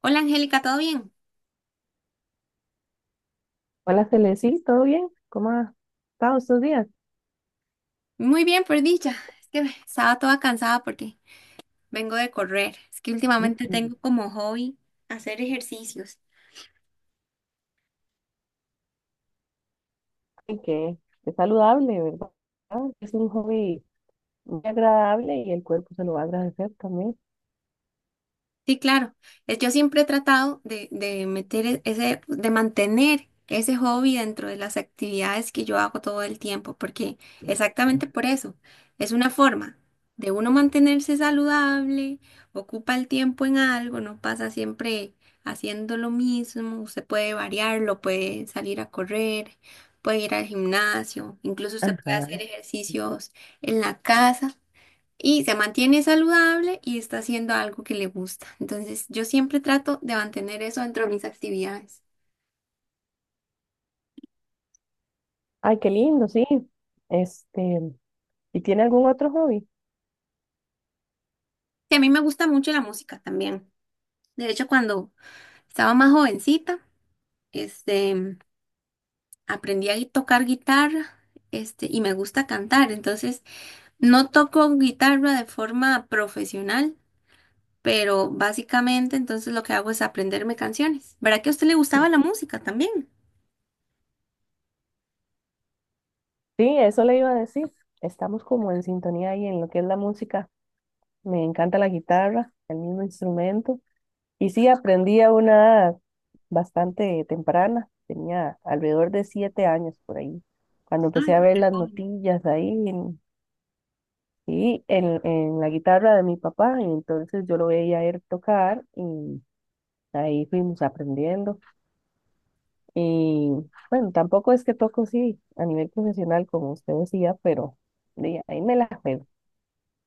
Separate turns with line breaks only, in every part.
Hola, Angélica, ¿todo bien?
Hola, Celesi, ¿todo bien? ¿Cómo ha estado estos días?
Muy bien, por dicha. Es que estaba toda cansada porque vengo de correr. Es que últimamente
Mm.
tengo como hobby hacer ejercicios.
Ay, que es saludable, ¿verdad? Es un hobby muy agradable y el cuerpo se lo va a agradecer también.
Sí, claro. Yo siempre he tratado de meter de mantener ese hobby dentro de las actividades que yo hago todo el tiempo, porque exactamente por eso es una forma de uno mantenerse saludable, ocupa el tiempo en algo, no pasa siempre haciendo lo mismo, usted puede variarlo, puede salir a correr, puede ir al gimnasio, incluso usted puede
Ajá.
hacer ejercicios en la casa y se mantiene saludable y está haciendo algo que le gusta. Entonces, yo siempre trato de mantener eso dentro de mis actividades.
Ay, qué lindo, sí. Este, ¿Y tiene algún otro hobby?
Y a mí me gusta mucho la música también. De hecho, cuando estaba más jovencita, este, aprendí a tocar guitarra, y me gusta cantar. Entonces, no toco guitarra de forma profesional, pero básicamente entonces lo que hago es aprenderme canciones. ¿Verdad que a usted le gustaba la música también?
Sí, eso le iba a decir. Estamos como en sintonía ahí en lo que es la música. Me encanta la guitarra, el mismo instrumento. Y sí, aprendí a una edad bastante temprana, tenía alrededor de 7 años por ahí, cuando empecé a ver las notillas ahí y en la guitarra de mi papá, y entonces yo lo veía a él tocar y ahí fuimos aprendiendo. Y bueno, tampoco es que toco, sí, a nivel profesional, como usted decía, pero de ahí me la juego,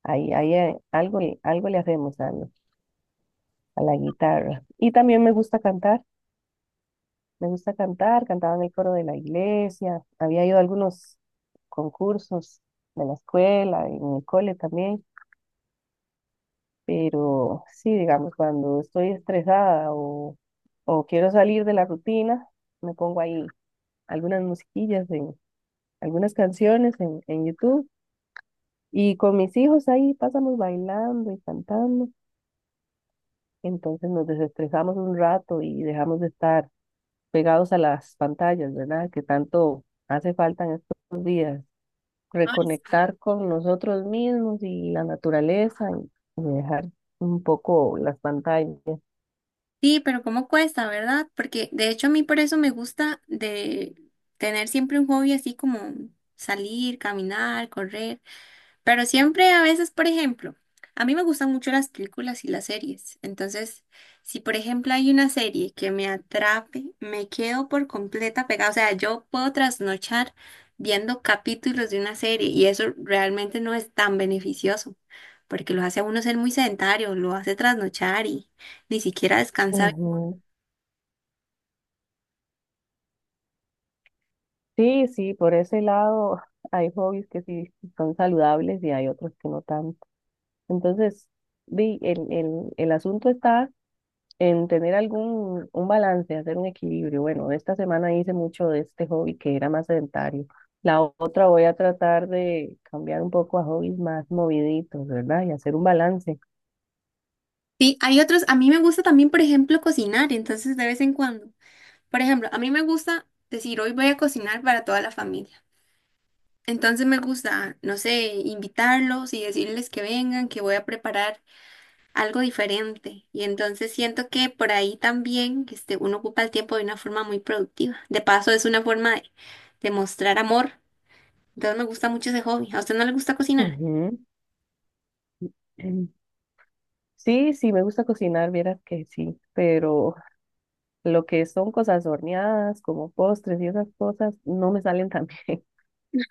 ahí algo le hacemos a la guitarra. Y también me gusta cantar. Me gusta cantar, cantaba en el coro de la iglesia, había ido a algunos concursos de la escuela, en el cole también, pero sí, digamos, cuando estoy estresada o quiero salir de la rutina, me pongo ahí algunas musiquillas, algunas canciones en YouTube y con mis hijos ahí pasamos bailando y cantando, entonces nos desestresamos un rato y dejamos de estar pegados a las pantallas, ¿verdad? Que tanto hace falta en estos días.
Ay,
Reconectar con nosotros mismos y la naturaleza y dejar un poco las pantallas.
sí, pero cómo cuesta, ¿verdad? Porque de hecho a mí por eso me gusta de tener siempre un hobby así como salir, caminar, correr. Pero siempre, a veces, por ejemplo, a mí me gustan mucho las películas y las series. Entonces, si por ejemplo hay una serie que me atrape, me quedo por completa pegada. O sea, yo puedo trasnochar viendo capítulos de una serie y eso realmente no es tan beneficioso, porque lo hace a uno ser muy sedentario, lo hace trasnochar y ni siquiera descansar.
Ujú. Sí, sí, por ese lado hay hobbies que sí son saludables y hay otros que no tanto. Entonces, di, el asunto está en tener algún un balance, hacer un equilibrio. Bueno, esta semana hice mucho de este hobby que era más sedentario. La otra voy a tratar de cambiar un poco a hobbies más moviditos, ¿verdad? Y hacer un balance.
Sí, hay otros, a mí me gusta también, por ejemplo, cocinar, entonces de vez en cuando. Por ejemplo, a mí me gusta decir, hoy voy a cocinar para toda la familia. Entonces me gusta, no sé, invitarlos y decirles que vengan, que voy a preparar algo diferente. Y entonces siento que por ahí también uno ocupa el tiempo de una forma muy productiva. De paso, es una forma de mostrar amor. Entonces me gusta mucho ese hobby. ¿A usted no le gusta cocinar?
Ujú. Sí, sí, me gusta cocinar, vieras que sí, pero lo que son cosas horneadas, como postres y esas cosas, no me salen tan bien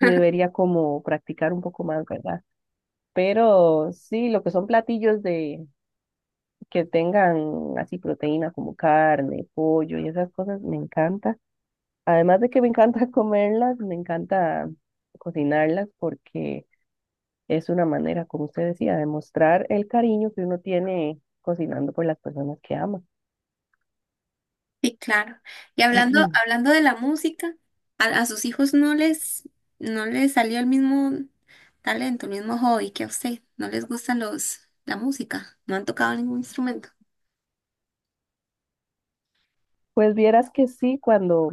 y debería como practicar un poco más, ¿verdad? Pero sí, lo que son platillos de que tengan así proteína como carne, pollo y esas cosas, me encanta. Además de que me encanta comerlas, me encanta cocinarlas porque es una manera, como usted decía, de mostrar el cariño que uno tiene cocinando por las personas que ama.
Sí, claro. Y hablando, hablando de la música, a sus hijos no les salió el mismo talento, el mismo hobby que a usted. No les gustan los, la música. No han tocado ningún instrumento.
Pues vieras que sí, cuando,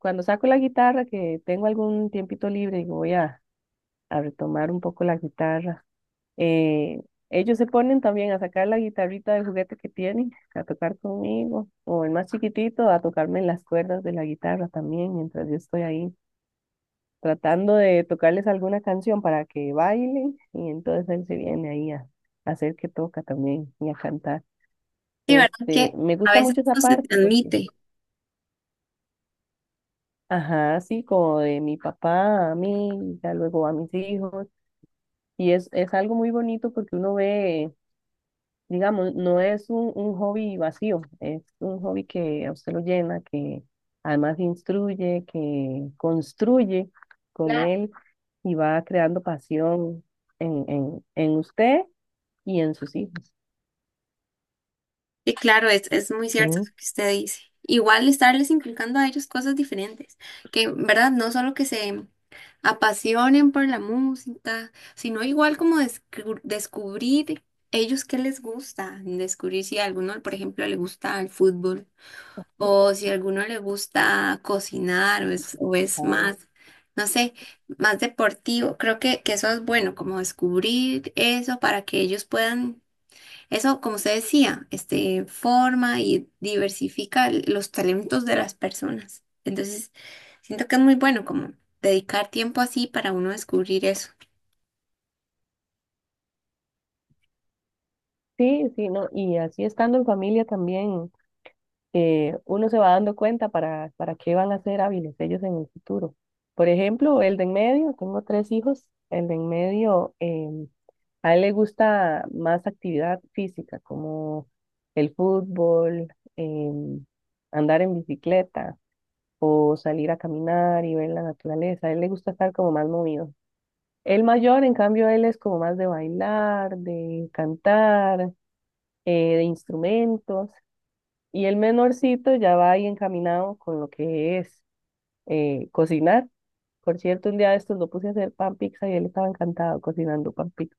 cuando saco la guitarra, que tengo algún tiempito libre y voy a retomar un poco la guitarra, eh, ellos se ponen también a sacar la guitarrita de juguete que tienen, a tocar conmigo, o el más chiquitito, a tocarme las cuerdas de la guitarra también, mientras yo estoy ahí tratando de tocarles alguna canción para que bailen, y entonces él se viene ahí a hacer que toca también y a cantar.
Sí, ¿verdad? Que
Me
a
gusta
veces
mucho
no
esa
se
parte porque
transmite.
Ajá, sí, como de mi papá a mí, ya luego a mis hijos. Y es algo muy bonito porque uno ve, digamos, no es un, hobby vacío, es un hobby que a usted lo llena, que además instruye, que construye con
Claro.
él y va creando pasión en usted y en sus hijos.
Sí, claro, es muy
Sí,
cierto lo que usted dice. Igual estarles inculcando a ellos cosas diferentes, que, ¿verdad? No solo que se apasionen por la música, sino igual como descubrir ellos qué les gusta, descubrir si a alguno, por ejemplo, le gusta el fútbol. O si a alguno le gusta cocinar o es
ah,
más, no sé, más deportivo, creo que eso es bueno, como descubrir eso para que ellos puedan, eso, como usted decía, forma y diversifica los talentos de las personas. Entonces, siento que es muy bueno como dedicar tiempo así para uno descubrir eso.
sí, sí, no, y así estando en familia también. Uno se va dando cuenta para qué van a ser hábiles ellos en el futuro. Por ejemplo, el de en medio, tengo tres hijos, el de en medio, a él le gusta más actividad física, como el fútbol, em, andar en bicicleta o salir a caminar y ver la naturaleza. A él le gusta estar como más movido. El mayor, en cambio, él es como más de bailar, de cantar, de instrumentos. Y el menorcito ya va ahí encaminado con lo que es cocinar. Por cierto, un día de estos lo puse a hacer pan pizza y él estaba encantado cocinando pan pizza.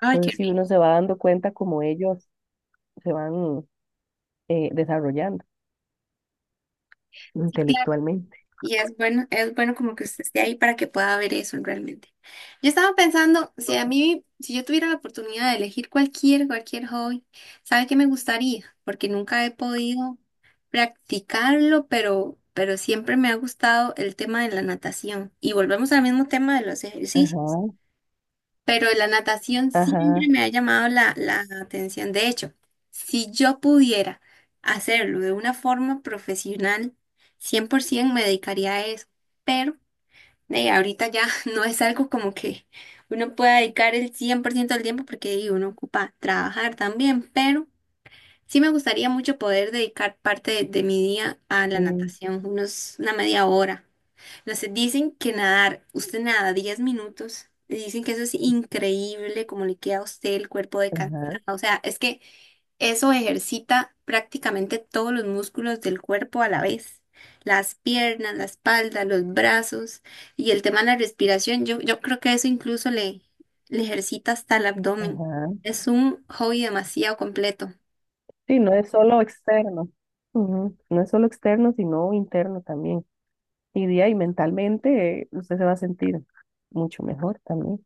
Ay, qué
Entonces, si
rico.
uno se va dando cuenta como ellos se van desarrollando
Sí, claro.
intelectualmente.
Y es bueno como que usted esté ahí para que pueda ver eso realmente. Yo estaba pensando, si yo tuviera la oportunidad de elegir cualquier hobby, ¿sabe qué me gustaría? Porque nunca he podido practicarlo, pero siempre me ha gustado el tema de la natación. Y volvemos al mismo tema de los ejercicios,
Ajá,
pero la natación siempre
ajá,
me ha llamado la atención. De hecho, si yo pudiera hacerlo de una forma profesional, 100% me dedicaría a eso, pero ahorita ya no es algo como que uno pueda dedicar el 100% del tiempo porque uno ocupa trabajar también, pero sí me gustaría mucho poder dedicar parte de mi día a la
sí,
natación, una media hora. No sé, dicen que nadar, usted nada 10 minutos, y dicen que eso es increíble, como le queda a usted el cuerpo de cansada.
ajá,
O sea, es que eso ejercita prácticamente todos los músculos del cuerpo a la vez. Las piernas, la espalda, los brazos y el tema de la respiración. Yo creo que eso incluso le ejercita hasta el abdomen.
ajá.
Es un hobby demasiado completo.
Sí, no es solo externo. Ujú, no es solo externo, sino interno también. Y día y mentalmente usted se va a sentir mucho mejor también.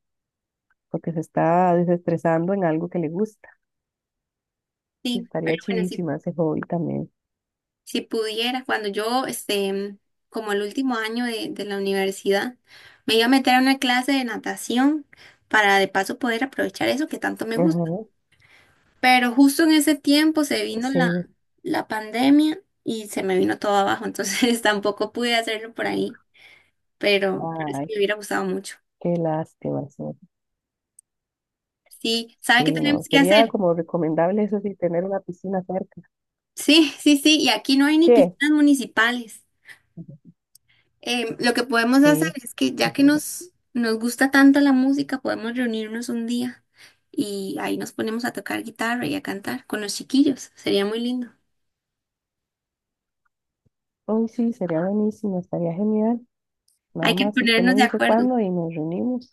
Porque se está desestresando en algo que le gusta.
Sí, pero
Estaría
bueno, si
chivísima ese hobby también.
Si pudieras, cuando yo, como el último año de la universidad, me iba a meter a una clase de natación para de paso poder aprovechar eso que tanto me
Ajá,
gusta. Pero justo en ese tiempo se vino
sí,
la pandemia y se me vino todo abajo, entonces tampoco pude hacerlo por ahí, pero sí
ay,
me hubiera gustado mucho.
qué lástima. Sí,
Sí, ¿sabe
sí,
qué tenemos
no,
que
sería
hacer?
como recomendable eso sí, tener una piscina cerca.
Sí, sí, sí, y aquí no hay ni
¿Qué?
piscinas municipales. Em, lo que podemos hacer
Sí.
es que ya que nos gusta tanto la música, podemos reunirnos un día y ahí nos ponemos a tocar guitarra y a cantar con los chiquillos. Sería muy lindo.
Uy, sí, sería buenísimo, estaría genial. Nada
Hay que
más usted
ponernos
me
de
dice
acuerdo.
cuándo y nos reunimos.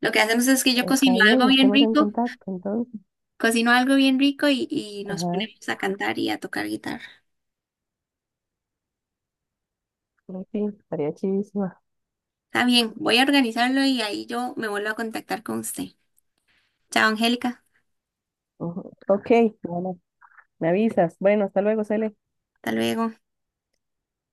Lo que hacemos es que yo
Está bien, estemos en contacto entonces.
cocino algo bien rico y nos
Ajá,
ponemos a cantar y a tocar guitarra.
sí, sí, estaría chidísima.
Está bien, voy a organizarlo y ahí yo me vuelvo a contactar con usted. Chao, Angélica.
Ujú. Ok, bueno, me avisas. Bueno, hasta luego, Cele.
Hasta luego.